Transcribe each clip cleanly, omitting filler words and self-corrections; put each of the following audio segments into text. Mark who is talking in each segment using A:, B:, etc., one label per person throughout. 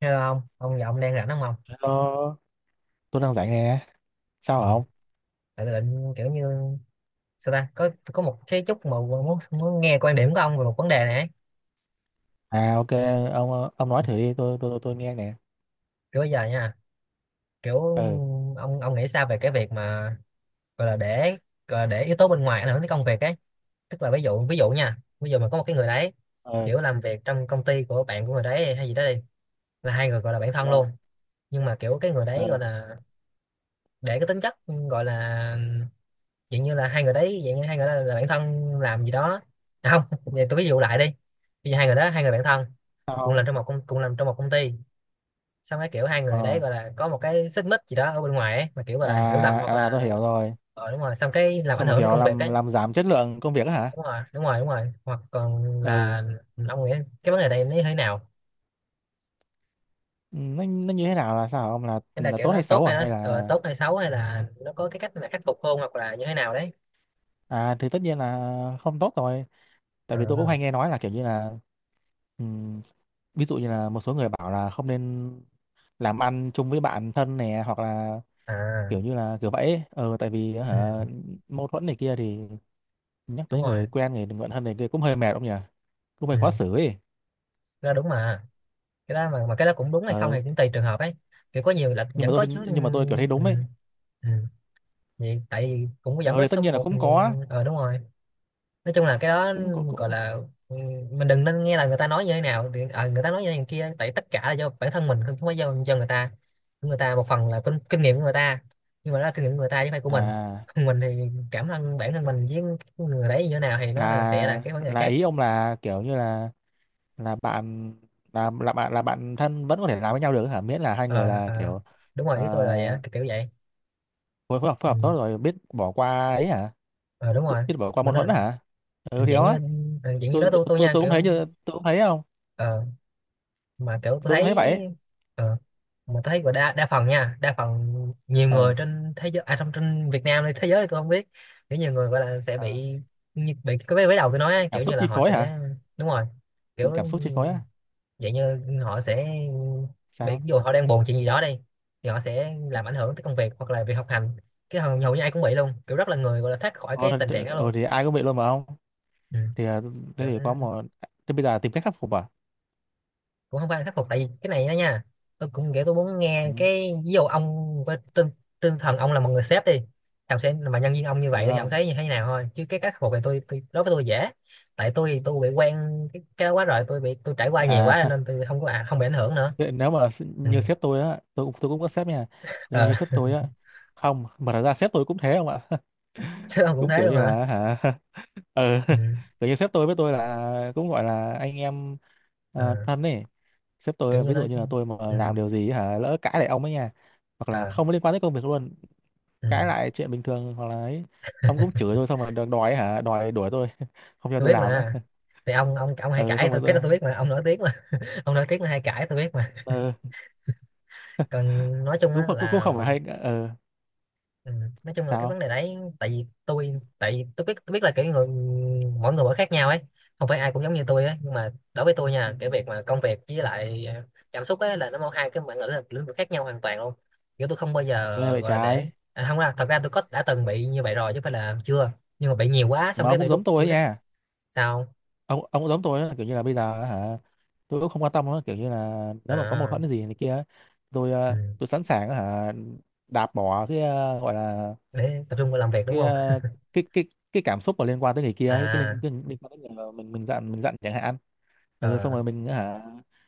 A: Hello, ông giọng đang rảnh đúng không?
B: Ờ, tôi đang rảnh nè. Sao
A: Ông,
B: hả
A: ừ.
B: ông?
A: Tại tôi định kiểu như, sao ta, có một cái chút mà muốn muốn nghe quan điểm của ông về một vấn đề này ấy.
B: À ok, ông nói thử đi, tôi nghe nè.
A: Kiểu bây giờ nha, kiểu
B: Ừ,
A: ông nghĩ sao về cái việc mà gọi là để, gọi là để yếu tố bên ngoài ảnh hưởng đến công việc ấy, tức là ví dụ, nha, ví dụ mà có một cái người đấy
B: ừ,
A: kiểu làm việc trong công ty của bạn của người đấy hay gì đó đi, là hai người gọi là bạn
B: đúng
A: thân
B: không?
A: luôn, nhưng mà kiểu cái người đấy gọi
B: Ừ,
A: là để cái tính chất, gọi là dạng như là hai người đấy, dạng như hai người đó là bạn thân làm gì đó. À, không. Vậy tôi ví dụ lại đi, bây giờ hai người đó, hai người bạn thân,
B: sao không?
A: cùng làm trong một công ty, xong cái kiểu hai người đấy
B: Ờ,
A: gọi là có một cái xích mích gì đó ở bên ngoài ấy, mà kiểu gọi là hiểu lầm hoặc
B: à à
A: là,
B: tôi hiểu rồi.
A: đúng rồi, xong cái làm ảnh
B: Xong một
A: hưởng tới
B: kiểu
A: công việc
B: làm
A: ấy.
B: làm giảm chất lượng công việc á hả?
A: Đúng rồi, đúng rồi, đúng rồi, hoặc còn
B: Ừ.
A: là, ông nghĩ cái vấn đề này nó như thế nào?
B: Nó như thế nào là sao hả ông,
A: Hay là
B: là
A: kiểu
B: tốt
A: nó
B: hay
A: tốt,
B: xấu
A: hay
B: hả,
A: nó
B: hay là
A: tốt hay xấu, hay là nó có cái cách mà khắc phục hơn hoặc là như thế nào đấy.
B: à thì tất nhiên là không tốt rồi. Tại vì tôi cũng hay
A: À,
B: nghe nói là kiểu như là ừm, ví dụ như là một số người bảo là không nên làm ăn chung với bạn thân nè, hoặc là
A: à.
B: kiểu như là kiểu vậy ấy. Ờ tại vì
A: Ừ,
B: hả mâu thuẫn này kia thì nhắc
A: đúng
B: tới người
A: rồi.
B: quen người bạn thân này kia cũng hơi mệt ông nhỉ, cũng hơi
A: Ừ,
B: khó xử ấy.
A: ra đúng mà. Cái đó, mà cái đó cũng đúng hay không thì
B: Ờ
A: cũng tùy trường hợp ấy, kiểu có nhiều là
B: nhưng mà
A: vẫn
B: tôi,
A: có chứ. Ừ,
B: nhưng mà tôi kiểu thấy
A: ừ.
B: đúng ấy.
A: Ừ. Vậy, tại vì cũng vẫn
B: Ờ
A: có
B: thì tất
A: số
B: nhiên là
A: một,
B: cũng có,
A: nhưng đúng rồi. Nói chung là cái đó
B: cũng có
A: gọi
B: cũng
A: là, ừ, mình đừng nên nghe là người ta nói như thế nào thì, người ta nói như thế này kia, tại tất cả là do bản thân mình, không phải do người ta. Người ta một phần là kinh nghiệm của người ta, nhưng mà đó là kinh nghiệm của người ta chứ không phải của mình.
B: à
A: Mình thì cảm thân, bản thân mình với người đấy như thế nào thì nó là sẽ là
B: là
A: cái vấn đề
B: là
A: khác.
B: ý ông là kiểu như là bạn, là bạn, là bạn thân vẫn có thể làm với nhau được hả, miễn là hai người
A: Ờ,
B: là
A: ờ,
B: kiểu
A: đúng rồi,
B: ờ,
A: ý tôi là vậy á, kiểu kiểu vậy.
B: phối phối
A: Ừ.
B: hợp tốt rồi biết bỏ qua ấy hả,
A: ờ Đúng
B: biết,
A: rồi,
B: biết bỏ qua
A: mà
B: mâu
A: nó
B: thuẫn hả, ừ thì
A: dạng như,
B: đó.
A: dạng như đó,
B: tôi tôi
A: tôi
B: tôi
A: nha,
B: tôi cũng
A: kiểu,
B: thấy như tôi cũng thấy không,
A: ờ, mà kiểu tôi
B: tôi cũng thấy
A: thấy,
B: vậy ấy.
A: ờ, mà tôi thấy của đa đa phần nha, đa phần nhiều người
B: Ờ
A: trên thế giới, à, trong trên Việt Nam hay thế giới thì tôi không biết, kiểu nhiều người gọi là sẽ
B: ờ,
A: bị bị cái vế vế đầu tôi nói á,
B: cảm
A: kiểu
B: xúc
A: như là
B: chi
A: họ
B: phối hả,
A: sẽ, đúng rồi, kiểu
B: cảm xúc chi phối á.
A: dạng như họ sẽ bị,
B: Sao
A: ví dụ họ đang buồn chuyện gì đó đi, thì họ sẽ làm ảnh hưởng tới công việc hoặc là việc học hành, cái hầu như ai cũng bị luôn, kiểu rất là người gọi là thoát khỏi
B: ờ,
A: cái tình
B: thật-
A: trạng đó
B: ờ
A: luôn.
B: thì ai cũng bị luôn mà không.
A: Ừ.
B: Thì ờ, thế
A: Kiểu
B: thì có một, thế bây giờ tìm cách khắc phục à?
A: cũng không phải là khắc phục, tại vì cái này đó nha, tôi cũng nghĩ tôi muốn
B: Ừ,
A: nghe cái ví dụ, ông với tinh thần ông là một người sếp đi, thì ông sẽ, mà nhân viên ông như
B: ừ
A: vậy thì ông
B: không
A: thấy như thế nào thôi, chứ cái khắc phục này tôi đối với tôi dễ, tại tôi bị quen cái đó quá rồi, tôi bị tôi trải qua nhiều
B: à.
A: quá nên tôi không có, à, không bị ảnh hưởng nữa.
B: Thế nếu mà s-
A: Ừ.
B: như sếp tôi á, tôi cũng có sếp nha, nếu mà
A: ờ
B: như sếp tôi á, không mà thật ra sếp tôi cũng thế không ạ.
A: Sếp ông cũng
B: Cũng
A: thế
B: kiểu
A: luôn
B: như
A: hả?
B: là hả, ừ
A: Ừ.
B: kiểu như sếp tôi với tôi là cũng gọi là anh em
A: ờ
B: ờ, thân ấy. Sếp tôi
A: Kiểu như
B: ví dụ
A: nói.
B: như là tôi mà
A: Ừ.
B: làm điều gì hả, lỡ cãi lại ông ấy nha, hoặc là
A: Ờ,
B: không có liên quan tới công việc luôn,
A: ừ.
B: cãi lại chuyện bình thường hoặc là ấy, ông cũng chửi tôi xong rồi đòi đòi ấy hả, đòi đuổi tôi không cho
A: Tôi
B: tôi
A: biết
B: làm nữa.
A: mà, thì ông hay
B: Ờ
A: cãi,
B: xong rồi
A: tôi cái
B: tôi
A: đó tôi biết mà, ông nổi tiếng mà. Ông nổi tiếng là hay cãi, tôi biết mà.
B: ờ
A: Còn nói chung
B: cũng
A: á
B: không- cũng cũng
A: là,
B: không phải hay ờ
A: Ừ. Nói chung là cái vấn
B: sao.
A: đề đấy, tại vì tôi biết là kiểu người, mỗi người mỗi khác nhau ấy, không phải ai cũng giống như tôi ấy, nhưng mà đối với tôi
B: Ừ.
A: nha, cái việc mà công việc với lại cảm xúc ấy là nó hai cái bản lĩnh lĩnh vực khác nhau hoàn toàn luôn, kiểu tôi không bao giờ
B: Nghe vậy
A: gọi là để,
B: trái
A: à, không, ra thật ra tôi có đã từng bị như vậy rồi chứ không phải là chưa, nhưng mà bị nhiều quá, xong
B: mà
A: cái
B: ông
A: bị
B: cũng
A: rút,
B: giống tôi
A: tôi
B: ấy nha.
A: sao
B: Ông cũng giống tôi ấy, kiểu như là bây giờ hả, tôi cũng không quan tâm nữa, kiểu như là nếu mà có mâu
A: à.
B: thuẫn gì này kia, tôi
A: Ừ.
B: ờ, tôi sẵn sàng hả đạp bỏ cái ờ, gọi là
A: Để tập trung vào làm việc đúng
B: cái
A: không?
B: ờ, cái cái cảm xúc mà liên quan tới người kia,
A: À.
B: cái liên quan tới người mà mình giận, mình giận chẳng hạn. Ừ, xong
A: ờ
B: rồi mình hả,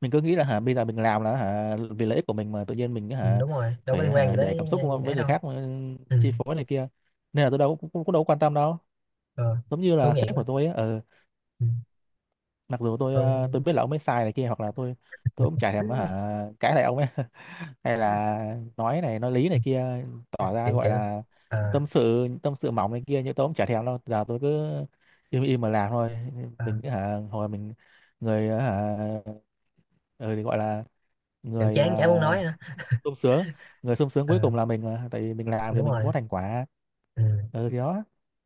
B: mình cứ nghĩ là hả bây giờ mình làm là hả vì lợi ích của mình, mà tự nhiên mình
A: ừ,
B: hả
A: đúng rồi, đâu có
B: phải
A: liên quan gì
B: hả để cảm
A: tới.
B: xúc
A: Ừ,
B: với
A: ấy
B: người
A: đâu.
B: khác mà
A: Ừ.
B: chi phối này kia, nên là tôi đâu cũng, cũng, cũng đâu có quan tâm đâu,
A: ờ
B: giống như
A: tôi
B: là
A: nghĩ.
B: sếp của tôi á. Ừ,
A: Ừ.
B: mặc dù tôi
A: Ừ.
B: ờ, tôi biết là ông ấy sai này kia hoặc là tôi cũng chả thèm hả cãi lại ông ấy hay là nói này nói lý này kia, tỏ ra
A: kiểu
B: gọi
A: kiểu
B: là
A: à,
B: tâm sự, tâm sự mỏng này kia, nhưng tôi cũng chả thèm đâu, giờ tôi cứ im im mà làm thôi.
A: à,
B: Mình hả hồi mình, người hả, ừ, thì gọi là
A: kiểu
B: người
A: chán chả muốn nói á.
B: sung sướng, người sung sướng cuối
A: À,
B: cùng là mình mà, tại vì mình làm thì
A: đúng
B: mình
A: rồi.
B: có thành quả.
A: Ừ.
B: Ừ thì đó.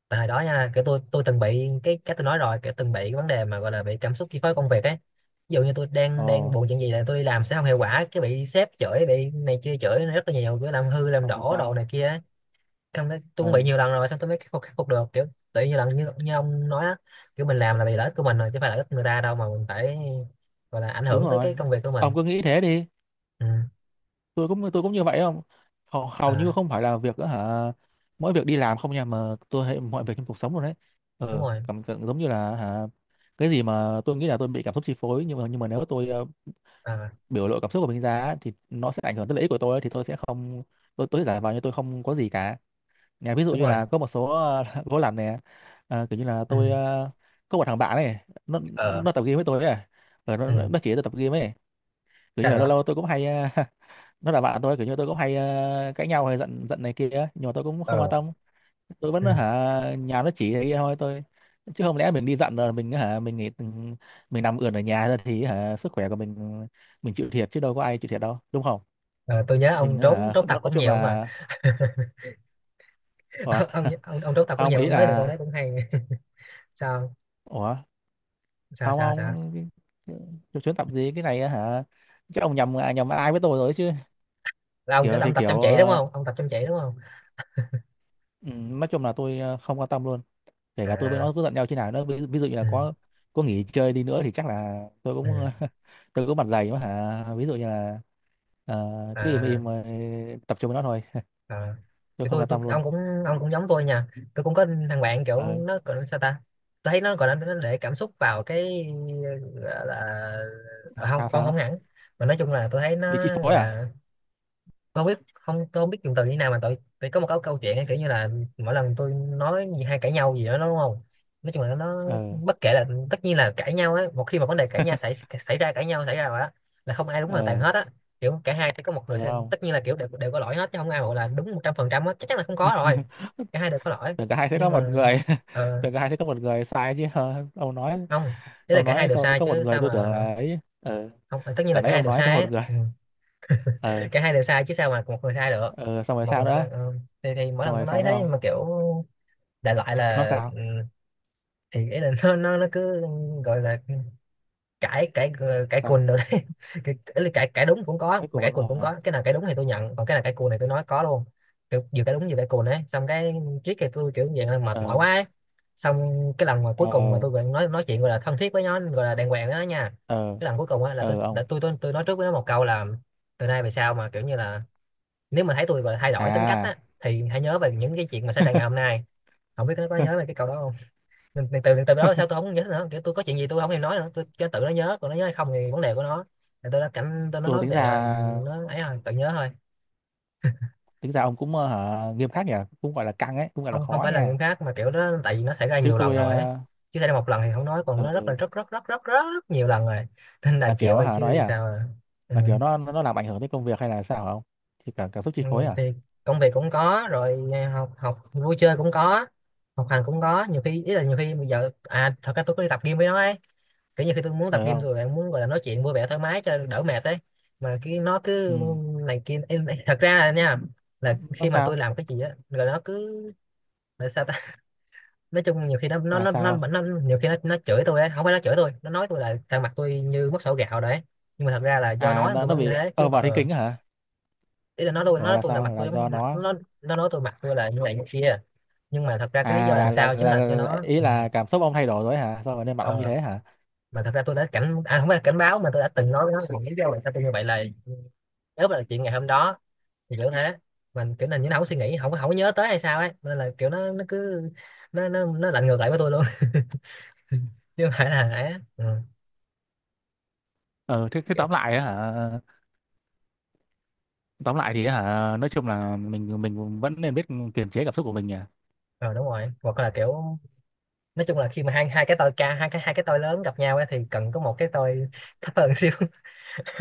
A: Tại hồi đó nha, kiểu tôi từng bị cái tôi nói rồi, kiểu từng bị cái vấn đề mà gọi là bị cảm xúc chi phối công việc ấy, ví dụ như tôi đang
B: Ồ,
A: đang buồn chuyện gì là tôi đi làm sẽ không hiệu quả, cái bị sếp chửi, bị này kia chửi rất là nhiều, kiểu làm hư làm
B: xong rồi
A: đổ đồ
B: sao?
A: này kia ấy. Xong cái tôi cũng bị
B: Ừ
A: nhiều lần rồi, xong tôi mới khắc phục được, kiểu tự nhiên lần như ông nói á, kiểu mình làm là vì lợi ích của mình rồi chứ phải lợi ích người ta đâu mà mình phải gọi là ảnh
B: đúng
A: hưởng tới
B: rồi,
A: cái công việc của mình.
B: ông cứ nghĩ thế đi.
A: Ừ.
B: Tôi cũng, tôi cũng như vậy không. Hầu, hầu
A: À,
B: như không phải là việc đó, hả, mỗi việc đi làm không nha, mà tôi thấy mọi việc trong cuộc sống luôn đấy.
A: đúng
B: Ừ
A: rồi.
B: cảm tưởng giống như là hả cái gì mà tôi nghĩ là tôi bị cảm xúc chi phối, nhưng mà nếu tôi ờ,
A: À,
B: biểu lộ cảm xúc của mình ra á, thì nó sẽ ảnh hưởng tới lợi ích của tôi ấy, thì tôi sẽ không, tôi sẽ giả vờ như tôi không có gì cả. Nhà ví dụ
A: đúng
B: như
A: rồi.
B: là có một số ờ, gỗ lặn này. Ờ, kiểu như là
A: Ừ.
B: tôi ờ, có một thằng bạn này, nó
A: Ờ.
B: nó tập game với tôi ấy. Ờ, nó nó
A: Ừ,
B: nó chỉ tôi tập game ấy, kiểu như
A: sao
B: là lâu
A: nữa?
B: lâu tôi cũng hay ờ, nó là bạn tôi, kiểu như tôi cũng hay ờ, cãi nhau hay giận, giận này kia ấy. Nhưng mà tôi cũng không quan
A: Ờ.
B: tâm, tôi vẫn
A: Ừ.
B: hả nhà nó chỉ này thôi tôi, chứ không lẽ mình đi giận rồi mình hả mình nghỉ, mình nằm ườn ở nhà ra thì hả sức khỏe của mình chịu thiệt chứ đâu có ai chịu thiệt đâu, đúng không?
A: Ờ, tôi nhớ
B: Mình
A: ông trốn
B: hả
A: trốn tập
B: nó nói
A: cũng
B: chung
A: nhiều mà.
B: là Ủa?
A: ông, ông ông trốn tập cũng
B: Không
A: nhiều,
B: ý
A: ông nói được câu
B: là
A: đấy cũng hay. Sao,
B: Ủa,
A: sao,
B: không
A: sao, sao?
B: không cái- cái- cái chuyến tập gì cái này á hả, chắc ông nhầm, à, nhầm ai với tôi rồi chứ.
A: Là ông kiểu
B: Kiểu
A: ông
B: thì
A: tập
B: kiểu
A: chăm chỉ đúng
B: ờ,
A: không? Ông tập chăm chỉ đúng không?
B: ừ, nói chung là tôi ờ, không quan tâm luôn, kể cả tôi với
A: À.
B: nó cứ giận nhau thế nào nữa, ví, ví dụ như là
A: Ừ.
B: có nghỉ chơi đi nữa thì chắc là tôi cũng
A: Ừ.
B: tôi cũng mặt dày mà hả, ví dụ như là ờ, cứ im
A: À,
B: im ờ, tập trung với nó thôi,
A: à.
B: tôi
A: Thì
B: không
A: tôi
B: quan
A: tôi
B: tâm luôn.
A: ông cũng giống tôi nha, tôi cũng có thằng bạn kiểu
B: Ờ,
A: nó gọi là sao ta, tôi thấy nó gọi là nó để cảm xúc vào cái gọi là, à, không,
B: sao
A: không không
B: sao,
A: hẳn, mà nói chung là tôi thấy nó
B: bị chi
A: gọi
B: phối à?
A: là, tôi không biết, không, tôi không biết dùng từ như nào, mà tôi phải có một câu câu chuyện ấy, kiểu như là mỗi lần tôi nói gì hay cãi nhau gì đó nó đúng không, nói chung là nó
B: Ờ
A: bất kể là, tất nhiên là cãi nhau ấy, một khi mà vấn đề cãi nhau xảy xảy ra, cãi nhau xảy ra rồi á, là không ai đúng hoàn toàn
B: ờ
A: hết á, kiểu cả hai phải có một người
B: được không.
A: tất nhiên là kiểu đều có lỗi hết, chứ không ai gọi là đúng 100% á, chắc chắn là không có rồi, cả hai đều có lỗi,
B: Tưởng cả hai sẽ
A: nhưng
B: có
A: mà
B: một người
A: ờ,
B: tưởng cả hai sẽ có một người sai chứ, ờ, ông nói,
A: không, thế là
B: ông
A: cả hai
B: nói
A: đều sai
B: có một
A: chứ
B: người,
A: sao
B: tôi tưởng
A: mà.
B: là ấy. Ờ
A: Không, tất nhiên là
B: tại
A: cả
B: nãy
A: hai
B: ông
A: đều
B: nói có
A: sai
B: một
A: ấy.
B: người
A: Ừ.
B: ờ.
A: Cả hai đều sai chứ sao mà một người sai được?
B: Ờ xong rồi
A: Một
B: sao
A: người
B: nữa,
A: sai. Ừ. thì mỗi
B: xong
A: lần
B: rồi
A: tôi nói
B: sao nữa
A: thế
B: ông,
A: mà kiểu đại loại
B: nó
A: là,
B: sao?
A: thì ý là nó cứ gọi là cãi, cãi
B: Sao
A: cùn rồi đấy. Ý là cãi cãi đúng cũng có
B: mấy
A: mà cãi
B: cùng
A: cùn
B: nó.
A: cũng có, cái nào cãi đúng thì tôi nhận, còn cái nào cãi cùn này tôi nói có luôn, kiểu vừa cãi đúng vừa cãi cùn ấy, xong cái triết thì tôi kiểu dạng là mệt mỏi
B: Ờ
A: quá ấy. Xong cái lần mà
B: ờ
A: cuối cùng mà tôi gọi nói chuyện gọi là thân thiết với nó, gọi là đàng hoàng với nó nha,
B: ờ
A: cái lần cuối cùng á là
B: ờ ờ ông
A: tôi nói trước với nó một câu là, từ nay về sau mà kiểu như là nếu mà thấy tôi và thay đổi tính cách á,
B: à.
A: thì hãy nhớ về những cái chuyện mà xảy ra ngày hôm nay. Không biết nó có nhớ về cái câu đó không, nên từ từ đó sao tôi không nhớ nữa, kiểu tôi có chuyện gì tôi không thèm nói nữa, tôi cho tự nó nhớ, còn nó nhớ hay không thì vấn đề của nó. Thì tôi đã cảnh tôi nó
B: Tôi
A: nói
B: tính
A: vậy rồi,
B: ra,
A: nó ấy rồi tự nhớ thôi.
B: tính ra ông cũng ờ, hả, nghiêm khắc nhỉ, cũng gọi là căng ấy, cũng gọi là
A: Không, không
B: khó
A: phải là
B: nha.
A: nghiêm khắc mà kiểu đó, tại vì nó xảy ra
B: Chứ
A: nhiều lần
B: tôi
A: rồi ấy,
B: ờ,
A: chứ xảy ra một lần thì không nói, còn nó
B: ờ,
A: rất là rất rất rất rất rất nhiều lần rồi, nên
B: là
A: đành chịu
B: kiểu
A: thôi
B: hả nói
A: chứ
B: à,
A: sao. À. Ừ.
B: là kiểu nó làm ảnh hưởng tới công việc hay là sao hả ông, thì cả cảm xúc chi
A: Ừ,
B: phối à?
A: thì công việc cũng có rồi à, học học vui chơi cũng có, học hành cũng có. Nhiều khi ý là nhiều khi bây giờ thật ra tôi có đi tập gym với nó ấy, kiểu như khi tôi muốn tập
B: Ờ
A: gym
B: không,
A: rồi bạn muốn gọi là nói chuyện vui vẻ thoải mái cho đỡ mệt đấy, mà cái nó
B: ừ
A: cứ này kia. Ê, thật ra là nha, là
B: nó
A: khi mà
B: sao,
A: tôi làm cái gì á rồi nó cứ là sao ta. Nói chung nhiều khi nó nó
B: là
A: nó nó,
B: sao
A: nó nhiều khi nó chửi tôi ấy, không phải nó chửi tôi, nó nói tôi là thằng mặt tôi như mất sổ gạo đấy. Nhưng mà thật ra là do
B: à,
A: nói tôi
B: nó
A: mới như
B: bị
A: thế chứ
B: ờ
A: không phải-
B: vào thiên
A: ờ
B: kinh á hả,
A: ý là nó
B: gọi
A: nói
B: là
A: tôi là mặt
B: sao
A: tôi
B: là do
A: mặt
B: nó,
A: nó. Nó nói tôi mặt tôi là như này như kia, nhưng mà thật ra cái lý
B: à
A: do làm sao chính là cho
B: là
A: nó.
B: ý
A: Ừ,
B: là cảm xúc ông thay đổi rồi hả sao mà nên mặt ông như
A: ờ,
B: thế hả?
A: mà thật ra tôi đã cảnh à không phải là cảnh báo, mà tôi đã từng nói với nó là lý do làm sao tôi như vậy là nếu mà là chuyện ngày hôm đó thì kiểu thế. Mình kiểu là như nó không có suy nghĩ, không có nhớ tới hay sao ấy, nên là kiểu nó cứ nó lạnh ngược lại với tôi luôn. Chứ không phải là ấy á. Ừ.
B: Ờ thế, thế
A: Kiểu,
B: tóm lại á hả, tóm lại thì á hả nói chung là mình vẫn nên biết kiềm chế cảm xúc của mình nhỉ.
A: ờ, đúng rồi, hoặc là kiểu nói chung là khi mà hai hai cái tôi hai cái tôi lớn gặp nhau ấy, thì cần có một cái tôi thấp hơn xíu.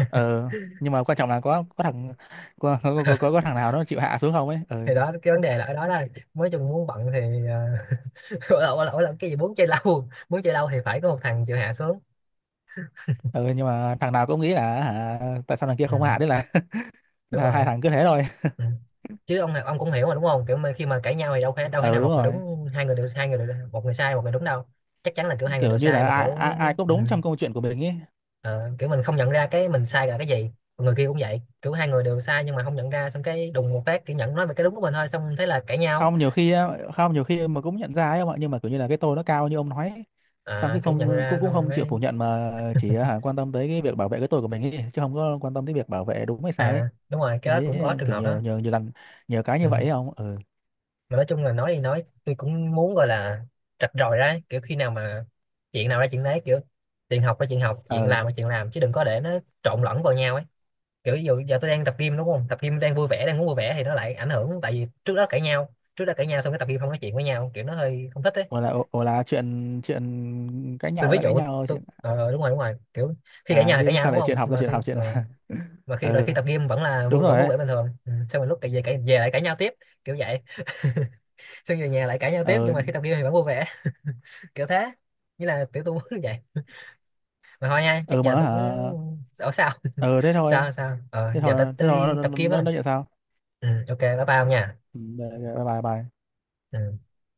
B: Ờ nhưng mà quan trọng là có thằng, có thằng nào nó chịu hạ xuống không ấy ờ.
A: Thì đó, cái vấn đề là ở đó, là mới chung muốn bận thì lỗi lỗi lỗi là cái gì muốn chơi lâu, muốn chơi lâu thì phải có một thằng chịu hạ xuống.
B: Ờ nhưng mà thằng nào cũng nghĩ là hả tại sao thằng kia
A: Ừ,
B: không hạ đấy
A: đúng
B: là hai
A: rồi.
B: thằng cứ thế thôi.
A: Ừ. Chứ ông cũng hiểu mà đúng không, kiểu mà khi mà cãi nhau thì đâu thể
B: Ờ
A: nào
B: đúng
A: một người
B: rồi,
A: đúng, một người sai một người đúng đâu. Chắc chắn là kiểu hai người
B: kiểu
A: đều
B: như
A: sai
B: là
A: mà
B: ai
A: kiểu.
B: ai ai cũng
A: Ừ,
B: đúng trong câu chuyện của mình ấy.
A: ờ, kiểu mình không nhận ra cái mình sai là cái gì, còn người kia cũng vậy, kiểu hai người đều sai nhưng mà không nhận ra, xong cái đùng một phát kiểu nhận nói về cái đúng của mình thôi, xong thế là cãi nhau.
B: Không nhiều khi á- không nhiều khi mà cũng nhận ra ấy ông ạ, nhưng mà kiểu như là cái tôi nó cao như ông nói ấy. Xong
A: À,
B: cái
A: kiểu nhận
B: không
A: ra
B: cũng cũng
A: xong
B: không chịu
A: cái
B: phủ nhận mà chỉ à, hả, quan tâm tới cái việc bảo vệ cái tôi của mình ấy, chứ không có quan tâm tới việc bảo vệ đúng hay sai ấy.
A: à đúng rồi, cái
B: Tôi
A: đó cũng
B: thấy
A: có
B: ờ,
A: trường
B: kiểu
A: hợp đó.
B: nhiều nhiều nhiều lần, nhiều cái
A: Ừ.
B: như vậy ấy ông. Ừ
A: Mà nói chung là nói thì nói, tôi cũng muốn gọi là rạch ròi ra kiểu khi nào mà chuyện nào ra chuyện đấy, kiểu chuyện học ra chuyện học, chuyện
B: ờ.
A: làm ra chuyện làm, chứ đừng có để nó trộn lẫn vào nhau ấy. Kiểu ví dụ giờ tôi đang tập gym đúng không, tập gym đang vui vẻ, đang muốn vui vẻ, thì nó lại ảnh hưởng tại vì trước đó cãi nhau, trước đó cãi nhau xong cái tập gym không nói chuyện với nhau kiểu nó hơi không thích ấy.
B: Hoặc là, hoặc là chuyện, chuyện cãi
A: Tôi
B: nhau
A: ví
B: ra cãi
A: dụ
B: nhau,
A: tôi
B: chuyện
A: ờ, đúng rồi đúng rồi, kiểu khi cãi
B: à,
A: nhau thì cãi
B: chứ
A: nhau
B: sao
A: đúng
B: lại
A: không,
B: chuyện học
A: xong
B: ra
A: mà
B: chuyện
A: khi
B: học, chuyện là
A: mà
B: ừ
A: khi tập gym vẫn là
B: đúng
A: vui, vẫn
B: rồi
A: vui
B: ấy.
A: vẻ bình thường. Ừ. Xong rồi lúc cãi về lại cãi nhau tiếp, kiểu vậy. Xong về nhà lại cãi nhau tiếp, nhưng
B: Ừ
A: mà khi tập gym thì vẫn vui vẻ. Kiểu thế, như là tiểu tu muốn vậy. Mà thôi nha, chắc
B: ừ
A: giờ
B: mà
A: tôi
B: hả,
A: cũng ở sao.
B: ừ thế thôi,
A: Sao sao ờ
B: thế
A: giờ
B: thôi, thế
A: tới
B: thôi
A: đi tập gym không.
B: nó nhận sao.
A: Ừ, ok bye bye ông nha.
B: Ừ, bye bye bye.
A: Ừ.